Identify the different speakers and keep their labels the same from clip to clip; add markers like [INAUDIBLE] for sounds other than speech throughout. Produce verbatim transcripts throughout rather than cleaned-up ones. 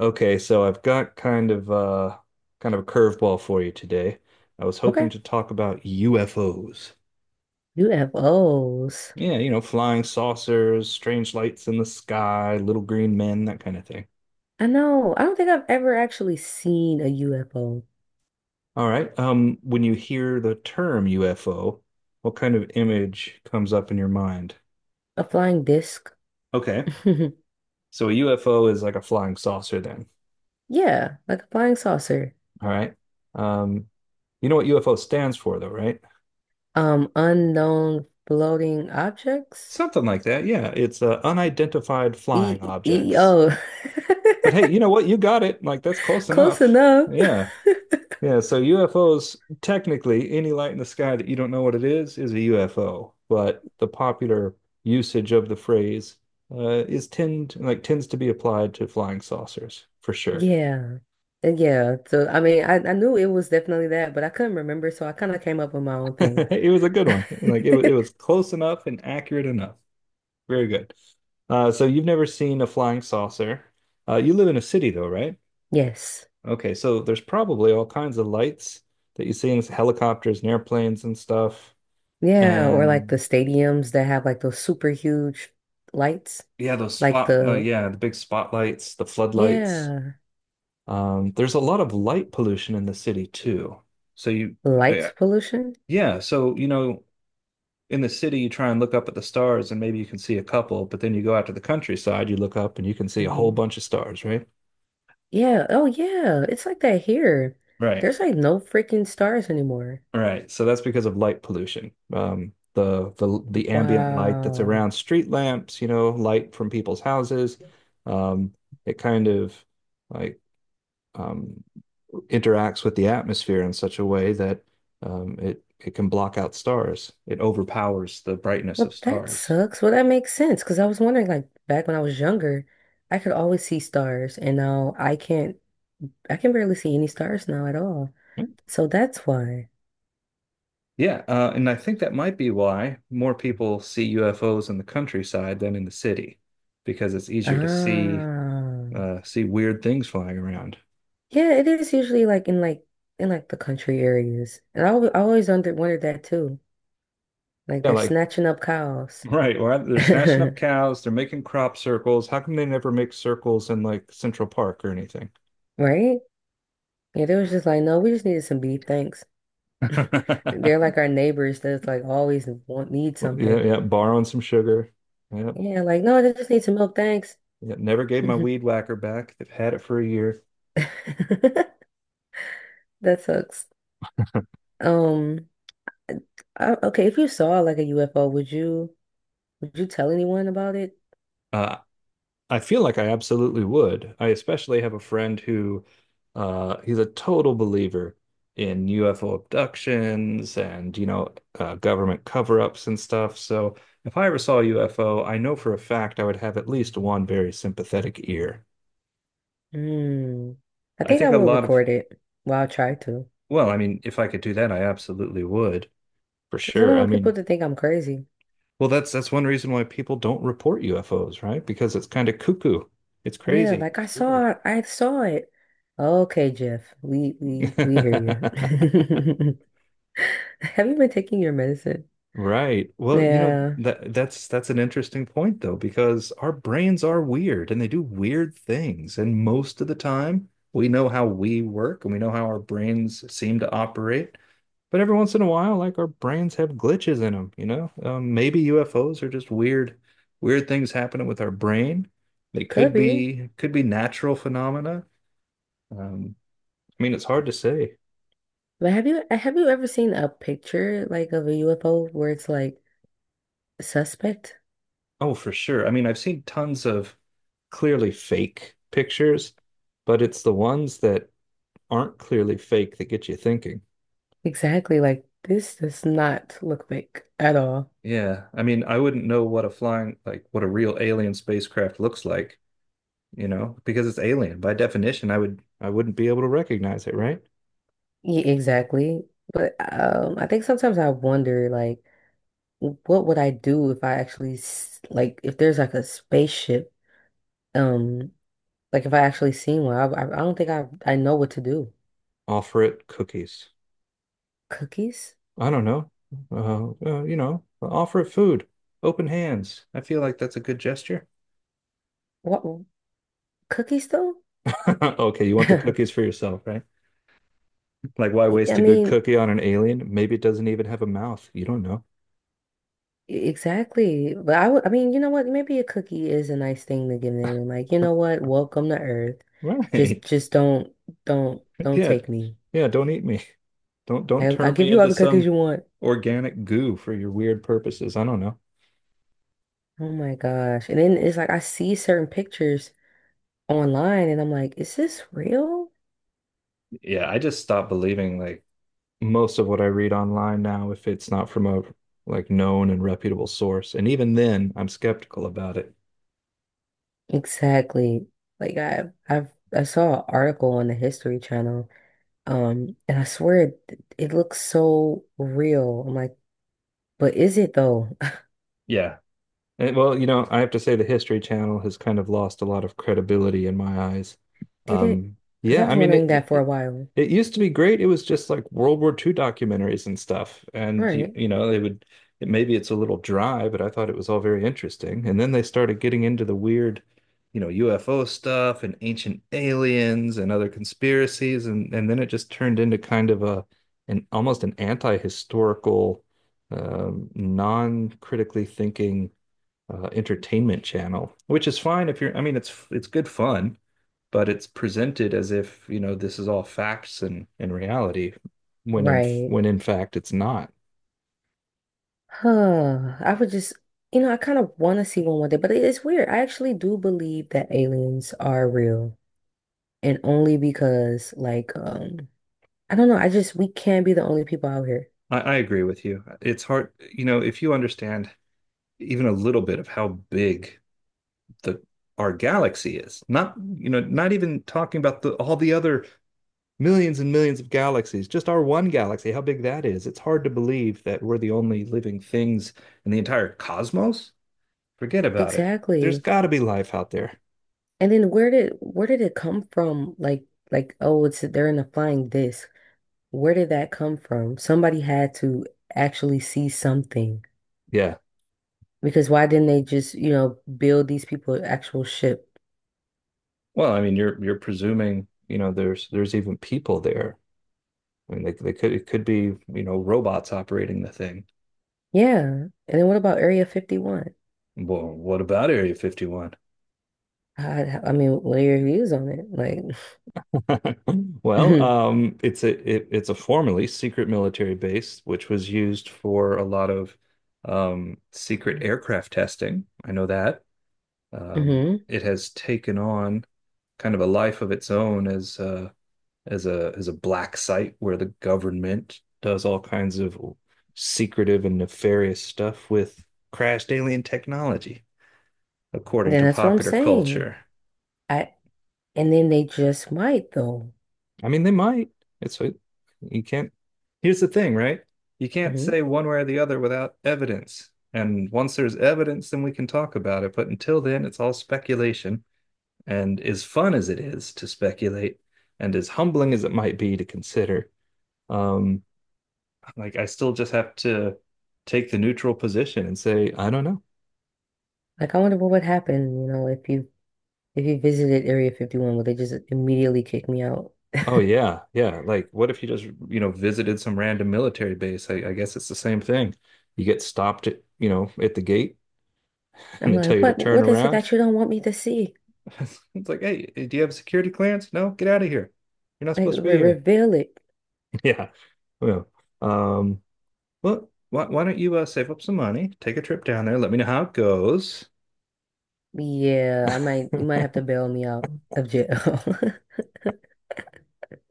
Speaker 1: Okay, so I've got kind of uh kind of a curveball for you today. I was
Speaker 2: Okay.
Speaker 1: hoping to talk about U F Os.
Speaker 2: U F Os.
Speaker 1: Yeah, you know, flying saucers, strange lights in the sky, little green men, that kind of thing.
Speaker 2: I know. I don't think I've ever actually seen a U F O.
Speaker 1: All right. Um, when you hear the term U F O, what kind of image comes up in your mind?
Speaker 2: A flying disc.
Speaker 1: Okay.
Speaker 2: [LAUGHS]
Speaker 1: So a U F O is like a flying saucer then.
Speaker 2: Yeah, like a flying saucer.
Speaker 1: All right. Um, you know what U F O stands for though, right?
Speaker 2: Um, unknown floating objects.
Speaker 1: Something like that. Yeah, it's uh, unidentified flying
Speaker 2: E e e,
Speaker 1: objects.
Speaker 2: oh.
Speaker 1: But hey, you know what? You got it. Like that's close
Speaker 2: [LAUGHS] Close
Speaker 1: enough.
Speaker 2: enough.
Speaker 1: Yeah. Yeah. So U F Os, technically, any light in the sky that you don't know what it is is a U F O. But the popular usage of the phrase uh, is tend like tends to be applied to flying saucers for sure.
Speaker 2: Yeah. Uh, Yeah. So I mean I, I knew it was definitely that, but I couldn't remember, so I kind of came up with my own
Speaker 1: [LAUGHS]
Speaker 2: thing. [LAUGHS]
Speaker 1: It was a good one. Like it, it was close enough and accurate enough. Very good. Uh, so you've never seen a flying saucer. Uh, you live in a city though, right?
Speaker 2: Yes.
Speaker 1: Okay, so there's probably all kinds of lights that you see in helicopters and airplanes and stuff.
Speaker 2: Yeah, or like the
Speaker 1: And
Speaker 2: stadiums that have like those super huge lights,
Speaker 1: yeah, those
Speaker 2: like
Speaker 1: spot, no,
Speaker 2: the
Speaker 1: yeah, the big spotlights, the floodlights.
Speaker 2: Yeah.
Speaker 1: Um, there's a lot of light pollution in the city too. So you, yeah,
Speaker 2: Lights pollution?
Speaker 1: yeah. So, you know, in the city, you try and look up at the stars and maybe you can see a couple, but then you go out to the countryside, you look up and you can see a whole
Speaker 2: Hmm.
Speaker 1: bunch of stars, right?
Speaker 2: Yeah. Oh, yeah. It's like that here.
Speaker 1: Right.
Speaker 2: There's like no freaking stars anymore.
Speaker 1: All right, so that's because of light pollution. Um, the the the ambient light that's
Speaker 2: Wow.
Speaker 1: around street lamps, you know, light from people's houses, um, it kind of like um, interacts with the atmosphere in such a way that um, it it can block out stars. It overpowers the brightness of
Speaker 2: Well, that
Speaker 1: stars.
Speaker 2: sucks. Well, that makes sense because I was wondering, like, back when I was younger, I could always see stars, and now I can't, I can barely see any stars now at all. So that's why.
Speaker 1: Yeah, uh, and I think that might be why more people see U F Os in the countryside than in the city, because it's easier to see
Speaker 2: Ah.
Speaker 1: uh, see weird things flying around.
Speaker 2: Yeah, it is usually like in like in like the country areas. And I, al- I always under wondered that too. Like
Speaker 1: Yeah,
Speaker 2: they're
Speaker 1: like
Speaker 2: snatching up cows.
Speaker 1: right. Well,
Speaker 2: [LAUGHS]
Speaker 1: they're snatching up cows, they're making crop circles. How come they never make circles in like Central Park or anything?
Speaker 2: Right? Yeah, they was just like, no, we just needed some beef, thanks. They're
Speaker 1: [LAUGHS]
Speaker 2: like our neighbors that's like always want need
Speaker 1: Yeah,
Speaker 2: something.
Speaker 1: yeah, borrowing some sugar. Yep.
Speaker 2: Yeah, like, no, they just need some milk, thanks.
Speaker 1: Yeah, never gave my weed
Speaker 2: [LAUGHS]
Speaker 1: whacker back. They've had it for a year.
Speaker 2: That sucks. Um, I, okay, if you saw like a U F O, would you would you tell anyone about it?
Speaker 1: Uh, I feel like I absolutely would. I especially have a friend who uh he's a total believer in U F O abductions and, you know, uh, government cover-ups and stuff. So if I ever saw a U F O, I know for a fact I would have at least one very sympathetic ear.
Speaker 2: Hmm. I
Speaker 1: I
Speaker 2: think
Speaker 1: think
Speaker 2: I
Speaker 1: a
Speaker 2: will
Speaker 1: lot of,
Speaker 2: record it. Well, I'll try to.
Speaker 1: well, I mean, if I could do that, I absolutely would. For
Speaker 2: Because I don't
Speaker 1: sure. I
Speaker 2: want people
Speaker 1: mean,
Speaker 2: to think I'm crazy.
Speaker 1: well, that's that's one reason why people don't report U F Os, right? Because it's kind of cuckoo. It's
Speaker 2: Yeah,
Speaker 1: crazy.
Speaker 2: like I
Speaker 1: It's weird.
Speaker 2: saw I saw it. Okay, Jeff. We we we hear
Speaker 1: [LAUGHS]
Speaker 2: you. [LAUGHS] Have you been taking your medicine?
Speaker 1: Right. Well, you know,
Speaker 2: Yeah,
Speaker 1: that that's that's an interesting point though, because our brains are weird and they do weird things. And most of the time, we know how we work and we know how our brains seem to operate. But every once in a while, like our brains have glitches in them, you know? Um, maybe U F Os are just weird, weird things happening with our brain. They
Speaker 2: could
Speaker 1: could
Speaker 2: be.
Speaker 1: be could be natural phenomena. Um, I mean, it's hard to say.
Speaker 2: But have you have you ever seen a picture like of a U F O where it's like suspect?
Speaker 1: Oh, for sure. I mean, I've seen tons of clearly fake pictures, but it's the ones that aren't clearly fake that get you thinking.
Speaker 2: Exactly, like this does not look fake at all.
Speaker 1: Yeah, I mean, I wouldn't know what a flying, like what a real alien spacecraft looks like, you know, because it's alien. By definition, I would I wouldn't be able to recognize it, right?
Speaker 2: Yeah, exactly. But um, I think sometimes I wonder like what would I do if I actually s- like if there's like a spaceship um like if I actually seen one. I, I I don't think I I know what to do.
Speaker 1: Offer it cookies.
Speaker 2: Cookies?
Speaker 1: I don't know. Uh, uh, you know, offer it food. Open hands. I feel like that's a good gesture.
Speaker 2: What cookies though?
Speaker 1: [LAUGHS] Okay, you want the
Speaker 2: [LAUGHS]
Speaker 1: cookies for yourself, right? Like, why waste
Speaker 2: I
Speaker 1: a good
Speaker 2: mean,
Speaker 1: cookie on an alien? Maybe it doesn't even have a mouth. You don't know.
Speaker 2: E, Exactly. But I would, I mean, you know what? Maybe a cookie is a nice thing to give an alien. Like, you know
Speaker 1: [LAUGHS]
Speaker 2: what? Welcome to Earth. Just,
Speaker 1: Right.
Speaker 2: just don't, don't, don't
Speaker 1: Yeah.
Speaker 2: take me.
Speaker 1: Yeah, don't eat me. Don't don't
Speaker 2: I, I'll
Speaker 1: turn me
Speaker 2: give you all
Speaker 1: into
Speaker 2: the cookies
Speaker 1: some
Speaker 2: you want.
Speaker 1: organic goo for your weird purposes. I don't know.
Speaker 2: Oh my gosh. And then it's like, I see certain pictures online and I'm like, is this real?
Speaker 1: Yeah, I just stopped believing like most of what I read online now, if it's not from a like known and reputable source, and even then, I'm skeptical about it.
Speaker 2: Exactly. Like I, I've, I saw an article on the History Channel. Um, and I swear it, it looks so real. I'm like, but is it though?
Speaker 1: Yeah. Eh, well, you know, I have to say the History Channel has kind of lost a lot of credibility in my eyes.
Speaker 2: [LAUGHS] Did it?
Speaker 1: Um,
Speaker 2: Because I
Speaker 1: yeah,
Speaker 2: was
Speaker 1: I mean, it,
Speaker 2: wondering that
Speaker 1: it
Speaker 2: for a
Speaker 1: it
Speaker 2: while.
Speaker 1: it used to be great. It was just like World War two documentaries and stuff, and you
Speaker 2: Right.
Speaker 1: you know they would. It, maybe it's a little dry, but I thought it was all very interesting. And then they started getting into the weird, you know, U F O stuff and ancient aliens and other conspiracies, and and then it just turned into kind of a an almost an anti-historical, um, non-critically thinking uh, entertainment channel, which is fine if you're, I mean, it's it's good fun, but it's presented as if, you know, this is all facts and and reality, when in
Speaker 2: Right.
Speaker 1: when in fact it's not.
Speaker 2: Huh. I would just, you know, I kind of want to see one one day, but it is weird. I actually do believe that aliens are real, and only because, like, um, I don't know. I just We can't be the only people out here.
Speaker 1: I, I agree with you. It's hard, you know, if you understand even a little bit of how big the our galaxy is, not, you know, not even talking about the all the other millions and millions of galaxies, just our one galaxy, how big that is. It's hard to believe that we're the only living things in the entire cosmos. Forget about it. There's
Speaker 2: Exactly.
Speaker 1: got to be life out there.
Speaker 2: And then where did where did it come from? Like, like, oh, it's they're in a flying disc. Where did that come from? Somebody had to actually see something
Speaker 1: Yeah.
Speaker 2: because why didn't they just, you know, build these people an actual ship?
Speaker 1: Well, I mean, you're you're presuming, you know, there's there's even people there. I mean, they they could it could be, you know, robots operating the thing.
Speaker 2: Yeah. And then what about Area fifty-one?
Speaker 1: Well, what about Area fifty-one?
Speaker 2: I, I mean, what are your views on it? Like,
Speaker 1: [LAUGHS]
Speaker 2: [LAUGHS]
Speaker 1: Well,
Speaker 2: mhm,
Speaker 1: um, it's a it, it's a formerly secret military base, which was used for a lot of um, secret aircraft testing. I know that. Um,
Speaker 2: mhm.
Speaker 1: it has taken on kind of a life of its own as uh, as a as a black site where the government does all kinds of secretive and nefarious stuff with crashed alien technology, according
Speaker 2: Then
Speaker 1: to
Speaker 2: that's what I'm
Speaker 1: popular
Speaker 2: saying.
Speaker 1: culture.
Speaker 2: I and then they just might though.
Speaker 1: I mean, they might. It's you can't. Here's the thing, right? You can't
Speaker 2: Hmm.
Speaker 1: say one way or the other without evidence. And once there's evidence, then we can talk about it. But until then, it's all speculation. And as fun as it is to speculate, and as humbling as it might be to consider, um, like I still just have to take the neutral position and say, I don't know.
Speaker 2: Like, I wonder what would happen, you know, if you if you visited Area fifty-one, would they just immediately kick me out?
Speaker 1: Oh yeah, yeah. Like what if you just, you know, visited some random military base? I, I guess it's the same thing. You get stopped at, you know, at the gate [LAUGHS] and
Speaker 2: I'm
Speaker 1: they tell
Speaker 2: like,
Speaker 1: you to
Speaker 2: what
Speaker 1: turn
Speaker 2: what is it
Speaker 1: around.
Speaker 2: that you don't want me to see?
Speaker 1: [LAUGHS] It's like, hey, do you have a security clearance? No, get out of here. You're not
Speaker 2: Like,
Speaker 1: supposed to be
Speaker 2: re
Speaker 1: here. [LAUGHS]
Speaker 2: reveal it.
Speaker 1: Yeah. Well, um, well, why, why don't you uh, save up some money, take a trip down there, let me know how it goes.
Speaker 2: Yeah, I might you might
Speaker 1: [LAUGHS]
Speaker 2: have to bail me out of jail. [LAUGHS]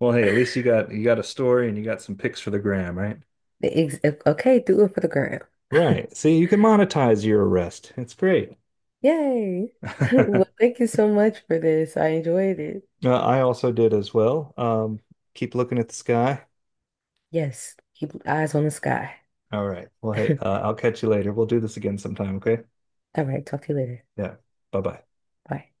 Speaker 1: Well, hey, at least you got you got a story and you got some pics for the gram, right?
Speaker 2: The Ex- Okay, do it for the gram. [LAUGHS]
Speaker 1: Right. See, you can monetize your arrest. It's great.
Speaker 2: Yay. [LAUGHS] Well,
Speaker 1: [LAUGHS]
Speaker 2: thank you so much for this. I enjoyed it.
Speaker 1: Uh, I also did as well. Um, keep looking at the sky.
Speaker 2: Yes, keep eyes on the sky.
Speaker 1: All right. Well, hey,
Speaker 2: [LAUGHS]
Speaker 1: uh, I'll catch you later. We'll do this again sometime, okay?
Speaker 2: All right, talk to you later.
Speaker 1: Yeah. Bye-bye.
Speaker 2: Bye.